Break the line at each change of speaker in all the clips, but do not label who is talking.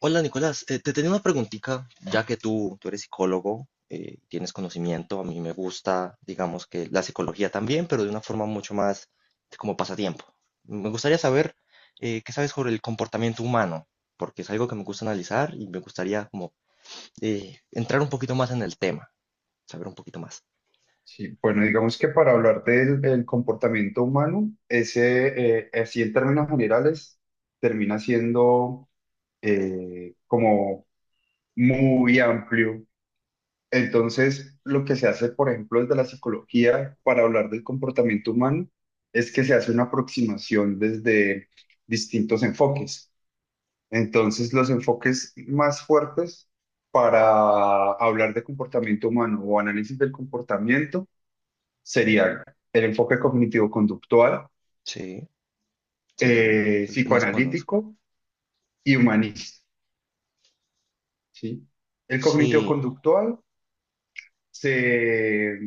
Hola Nicolás, te tenía una preguntita, ya que tú eres psicólogo, tienes conocimiento. A mí me gusta, digamos que la psicología también, pero de una forma mucho más de como pasatiempo. Me gustaría saber qué sabes sobre el comportamiento humano, porque es algo que me gusta analizar y me gustaría como entrar un poquito más en el tema, saber un poquito más.
Sí, bueno, digamos que para hablar del comportamiento humano, ese, así en términos generales, termina siendo como muy amplio. Entonces, lo que se hace, por ejemplo, desde la psicología para hablar del comportamiento humano, es que se hace una aproximación desde distintos enfoques. Entonces, los enfoques más fuertes para hablar de comportamiento humano o análisis del comportamiento serían el enfoque cognitivo-conductual,
Sí, sí, es el, el que más conozco.
psicoanalítico y humanista, ¿sí? El
Sí.
cognitivo-conductual se,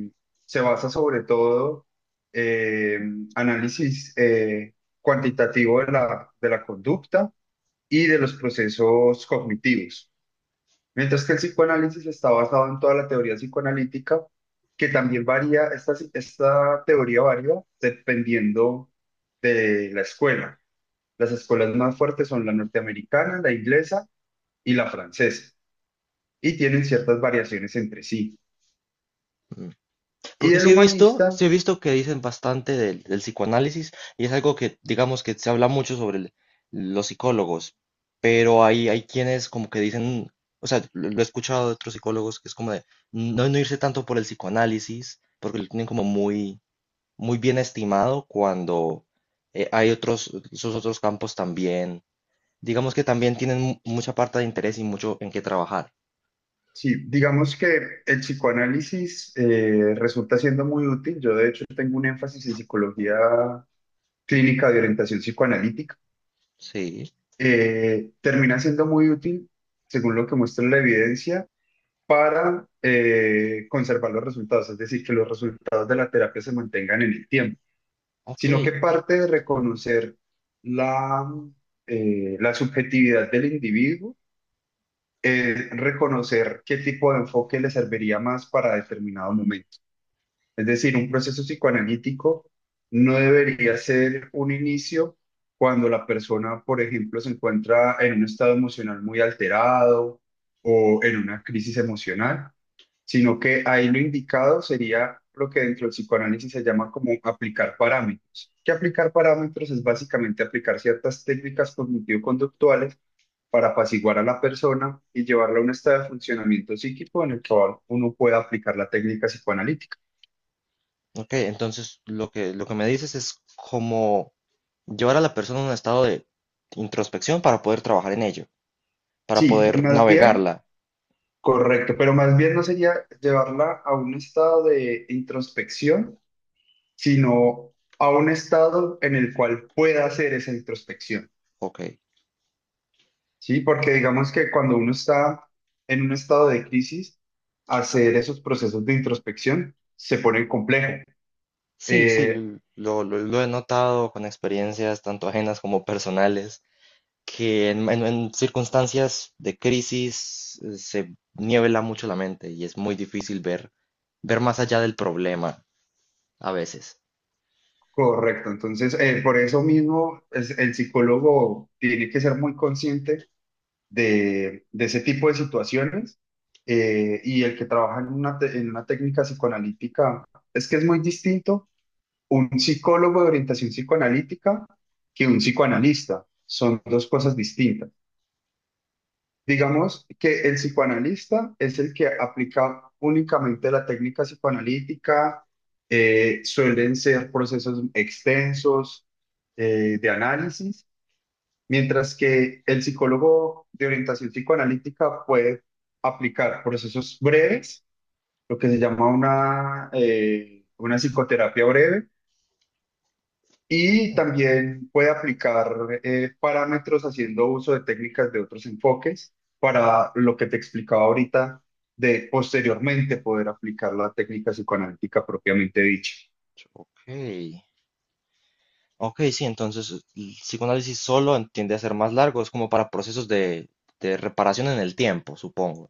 se basa sobre todo en análisis cuantitativo de de la conducta y de los procesos cognitivos, mientras que el psicoanálisis está basado en toda la teoría psicoanalítica, que también varía, esta teoría varía dependiendo de la escuela. Las escuelas más fuertes son la norteamericana, la inglesa y la francesa, y tienen ciertas variaciones entre sí. Y
Porque
el humanista,
sí he visto que dicen bastante del psicoanálisis, y es algo que, digamos, que se habla mucho sobre los psicólogos, pero hay quienes como que dicen, o sea, lo he escuchado de otros psicólogos que es como de no, no irse tanto por el psicoanálisis, porque lo tienen como muy, muy bien estimado cuando hay otros, esos otros campos también, digamos que también tienen mucha parte de interés y mucho en qué trabajar.
sí, digamos que el psicoanálisis resulta siendo muy útil. Yo de hecho tengo un énfasis en psicología clínica de orientación psicoanalítica.
Sí,
Termina siendo muy útil, según lo que muestra la evidencia, para conservar los resultados, es decir, que los resultados de la terapia se mantengan en el tiempo. Sino que
ok.
parte de reconocer la, la subjetividad del individuo, es reconocer qué tipo de enfoque le serviría más para determinado momento. Es decir, un proceso psicoanalítico no debería ser un inicio cuando la persona, por ejemplo, se encuentra en un estado emocional muy alterado o en una crisis emocional, sino que ahí lo indicado sería lo que dentro del psicoanálisis se llama como aplicar parámetros. Que aplicar parámetros es básicamente aplicar ciertas técnicas cognitivo-conductuales para apaciguar a la persona y llevarla a un estado de funcionamiento psíquico en el que uno pueda aplicar la técnica psicoanalítica.
Ok, entonces lo que me dices es como llevar a la persona a un estado de introspección para poder trabajar en ello, para
Sí,
poder
más bien,
navegarla.
correcto, pero más bien no sería llevarla a un estado de introspección, sino a un estado en el cual pueda hacer esa introspección.
Ok.
Sí, porque digamos que cuando uno está en un estado de crisis, hacer esos procesos de introspección se pone complejo.
Sí, sí,
Eh,
lo he notado con experiencias tanto ajenas como personales, que en circunstancias de crisis se niebla mucho la mente y es muy difícil ver, ver más allá del problema a veces.
Correcto, entonces por eso mismo el psicólogo tiene que ser muy consciente de ese tipo de situaciones, y el que trabaja en una, en una técnica psicoanalítica es que es muy distinto un psicólogo de orientación psicoanalítica que un psicoanalista. Son dos cosas distintas. Digamos que el psicoanalista es el que aplica únicamente la técnica psicoanalítica, suelen ser procesos extensos de análisis, mientras que el psicólogo de orientación psicoanalítica puede aplicar procesos breves, lo que se llama una psicoterapia breve, y también puede aplicar parámetros haciendo uso de técnicas de otros enfoques para lo que te explicaba ahorita de posteriormente poder aplicar la técnica psicoanalítica propiamente dicha.
Ok, ok, sí, entonces el psicoanálisis solo tiende a ser más largo, es como para procesos de reparación en el tiempo, supongo.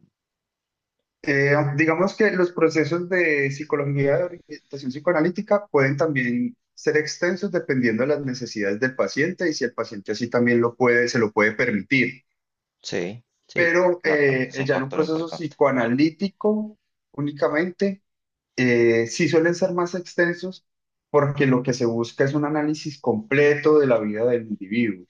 Digamos que los procesos de psicología de orientación psicoanalítica pueden también ser extensos dependiendo de las necesidades del paciente y si el paciente así también lo puede, se lo puede permitir.
Sí, sí,
Pero
claro, también es un
ya en un
factor
proceso
importante.
psicoanalítico únicamente sí suelen ser más extensos porque lo que se busca es un análisis completo de la vida del individuo.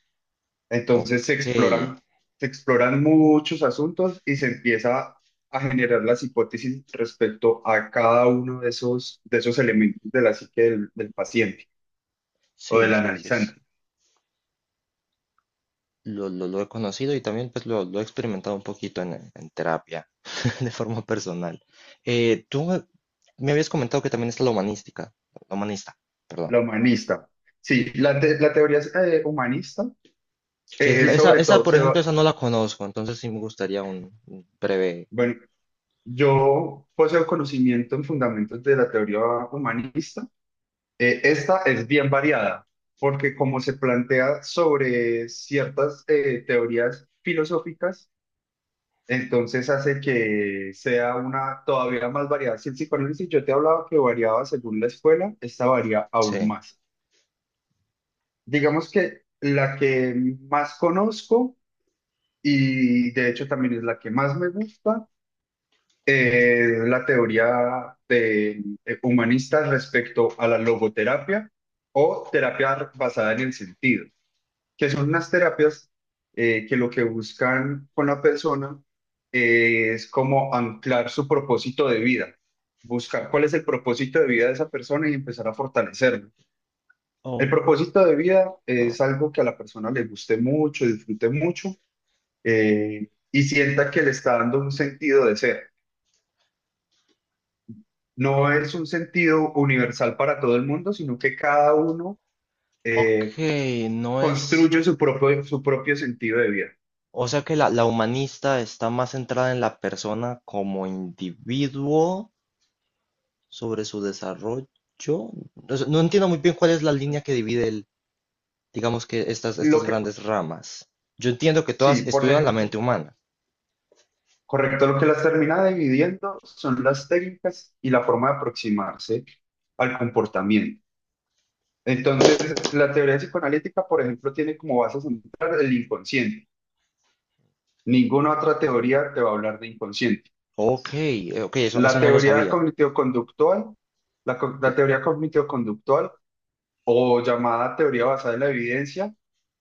Ok,
Entonces se exploran muchos asuntos y se empieza a generar las hipótesis respecto a cada uno de de esos elementos de la psique del paciente o
sí,
del
sí, sí, es,
analizante,
lo he conocido y también pues lo he experimentado un poquito en terapia, de forma personal. Tú me habías comentado que también está la humanística, la humanista, perdón.
la humanista. Sí, la teoría humanista,
Que es esa,
sobre
esa,
todo,
por
se
ejemplo,
va,
esa no la conozco, entonces sí me gustaría un breve.
bueno, yo poseo conocimiento en fundamentos de la teoría humanista. Esta es bien variada, porque como se plantea sobre ciertas teorías filosóficas, entonces hace que sea una todavía más variada. Si el psicoanálisis yo te hablaba que variaba según la escuela, esta varía aún
Sí.
más. Digamos que la que más conozco y de hecho también es la que más me gusta, es la teoría de, humanista respecto a la logoterapia o terapia basada en el sentido, que son unas terapias que lo que buscan con la persona es como anclar su propósito de vida, buscar cuál es el propósito de vida de esa persona y empezar a fortalecerlo. El
Oh.
propósito de vida
Mm.
es algo que a la persona le guste mucho, disfrute mucho, y sienta que le está dando un sentido de ser. No es un sentido universal para todo el mundo, sino que cada uno
Ok,
eh,
no es,
construye su propio sentido de vida.
o sea que la humanista está más centrada en la persona como individuo sobre su desarrollo. No sé, no entiendo muy bien cuál es la línea que divide el, digamos que
Lo
estas
que,
grandes ramas. Yo entiendo que
sí,
todas
por
estudian la mente
ejemplo,
humana.
correcto, lo que las termina dividiendo son las técnicas y la forma de aproximarse al comportamiento. Entonces, la teoría psicoanalítica, por ejemplo, tiene como base central el inconsciente. Ninguna otra teoría te va a hablar de inconsciente.
Ok, ok, eso,
La
eso no lo
teoría
sabía.
cognitivo-conductual, la
Yo,
teoría cognitivo-conductual o llamada teoría basada en la evidencia,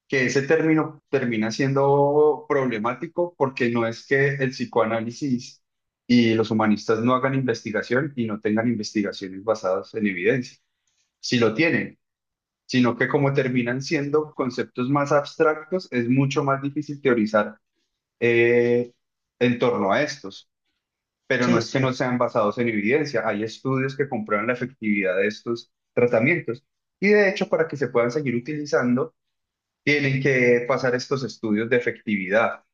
que ese término termina siendo problemático porque no es que el psicoanálisis y los humanistas no hagan investigación y no tengan investigaciones basadas en evidencia, si lo tienen, sino que como terminan siendo conceptos más abstractos, es mucho más difícil teorizar eh, en torno a estos, pero no
sí,
es que
sí,
no sean basados en evidencia, hay estudios que comprueban la efectividad de estos tratamientos. Y de hecho, para que se puedan seguir utilizando, tienen que pasar estos estudios de efectividad.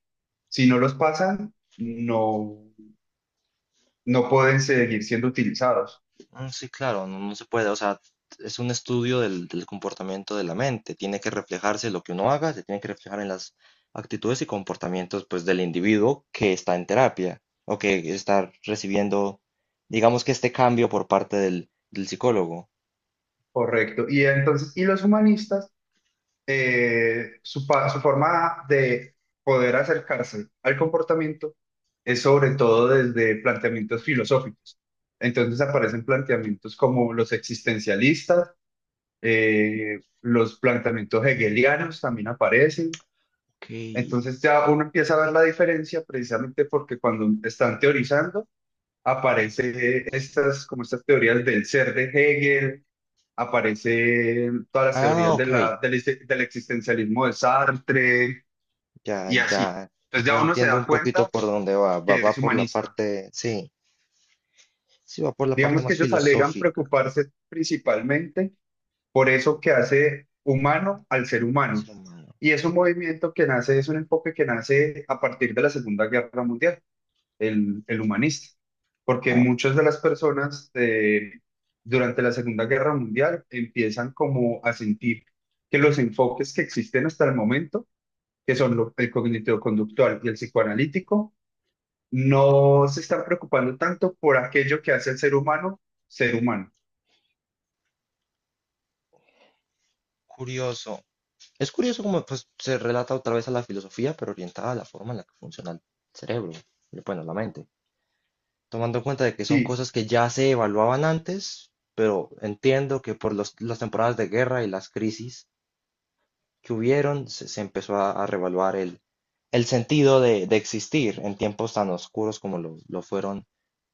Si no los pasan, no, no pueden seguir siendo utilizados.
sí, claro, no, no se puede, o sea, es un estudio del comportamiento de la mente, tiene que reflejarse lo que uno haga, se tiene que reflejar en las actitudes y comportamientos pues del individuo que está en terapia o que está recibiendo, digamos que este cambio por parte del psicólogo.
Correcto. Y entonces, y los humanistas, su forma de poder acercarse al comportamiento es sobre todo desde planteamientos filosóficos. Entonces aparecen planteamientos como los existencialistas, los planteamientos hegelianos también aparecen.
Okay.
Entonces ya uno empieza a ver la diferencia precisamente porque cuando están teorizando aparece estas como estas teorías del ser de Hegel, aparecen todas las
Ah,
teorías de
ok.
del existencialismo de Sartre
Ya,
y así.
ya,
Entonces
ya
ya uno se
entiendo un
da
poquito
cuenta
por dónde va. Va,
que
va
es
por la
humanista.
parte, sí, sí, va por la parte
Digamos que
más
ellos alegan
filosófica.
preocuparse principalmente por eso que hace humano al ser
El
humano.
ser humano.
Y es un movimiento que nace, es un enfoque que nace a partir de la Segunda Guerra Mundial, el humanista, porque
Ah,
muchas de las personas durante la Segunda Guerra Mundial empiezan como a sentir que los enfoques que existen hasta el momento, que son el cognitivo-conductual y el psicoanalítico, no se están preocupando tanto por aquello que hace el ser humano ser humano.
curioso. Es curioso cómo pues, se relata otra vez a la filosofía, pero orientada a la forma en la que funciona el cerebro, y, bueno, la mente. Tomando en cuenta de que son
Sí,
cosas que ya se evaluaban antes, pero entiendo que por las temporadas de guerra y las crisis que hubieron, se empezó a revaluar el sentido de existir en tiempos tan oscuros como lo fueron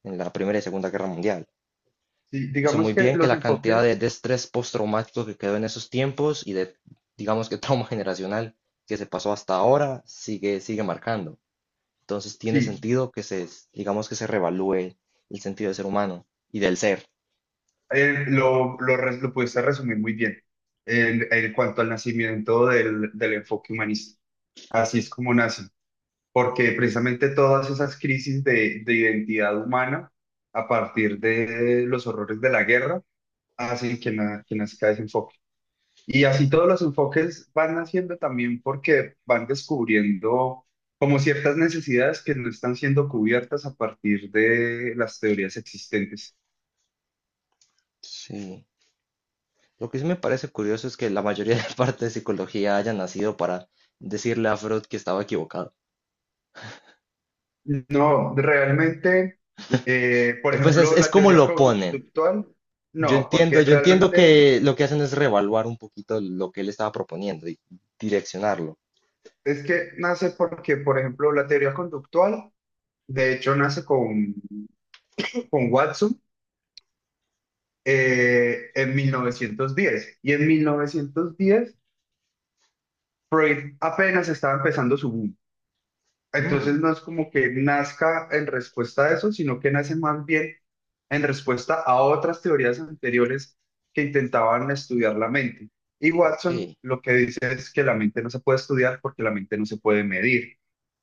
en la Primera y Segunda Guerra Mundial.
sí,
Yo sé muy
digamos que
bien que
los
la cantidad
enfoques,
de estrés postraumático que quedó en esos tiempos y de, digamos que trauma generacional que se pasó hasta ahora, sigue, sigue marcando. Entonces tiene
sí,
sentido que se, digamos que se revalúe el sentido del ser humano y del ser.
lo pudiste resumir muy bien en cuanto al nacimiento del enfoque humanista. Así es como nace, porque precisamente todas esas crisis de identidad humana a partir de los horrores de la guerra hacen que, que nazca ese enfoque. Y así todos los enfoques van naciendo también porque van descubriendo como ciertas necesidades que no están siendo cubiertas a partir de las teorías existentes.
Sí. Lo que sí me parece curioso es que la mayoría de la parte de psicología haya nacido para decirle a Freud que estaba equivocado.
No, realmente, por
Pues
ejemplo,
es
la
como
teoría
lo ponen.
conductual, no, porque
Yo entiendo
realmente
que lo que hacen es reevaluar un poquito lo que él estaba proponiendo y direccionarlo.
es que nace porque, por ejemplo, la teoría conductual de hecho nace con Watson en 1910. Y en 1910 Freud apenas estaba empezando su boom. Entonces,
Mm,
no es como que nazca en respuesta a eso, sino que nace más bien en respuesta a otras teorías anteriores que intentaban estudiar la mente. Y Watson
ok.
lo que dice es que la mente no se puede estudiar porque la mente no se puede medir.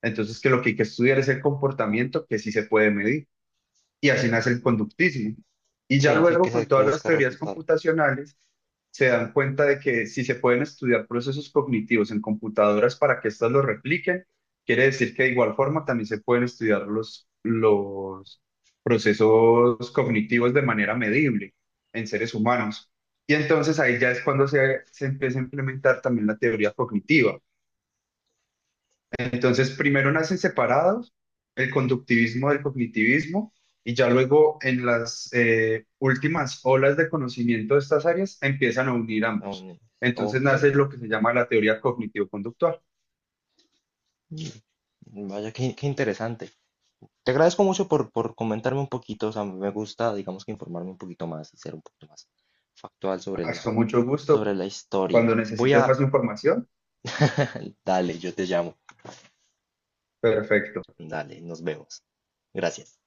Entonces, que lo que hay que estudiar es el comportamiento que sí se puede medir, y así nace
Mm,
el conductismo. Y ya
sí, sí
luego
que hay
con
que
todas las
buscar
teorías
resultados.
computacionales se dan cuenta de que si se pueden estudiar procesos cognitivos en computadoras para que éstas los repliquen, quiere decir que de igual forma también se pueden estudiar los procesos cognitivos de manera medible en seres humanos. Y entonces ahí ya es cuando se empieza a implementar también la teoría cognitiva. Entonces, primero nacen separados el conductivismo del cognitivismo y ya luego en las últimas olas de conocimiento de estas áreas empiezan a unir
Ah,
ambos.
bueno,
Entonces
ok,
nace lo que se llama la teoría cognitivo-conductual.
vaya, qué, qué interesante. Te agradezco mucho por comentarme un poquito, o sea, me gusta, digamos que informarme un poquito más y ser un poquito más factual sobre
Hasta
los,
mucho gusto.
sobre la
Cuando
historia. Voy
necesites
a.
más información,
Dale, yo te llamo.
perfecto.
Dale, nos vemos. Gracias.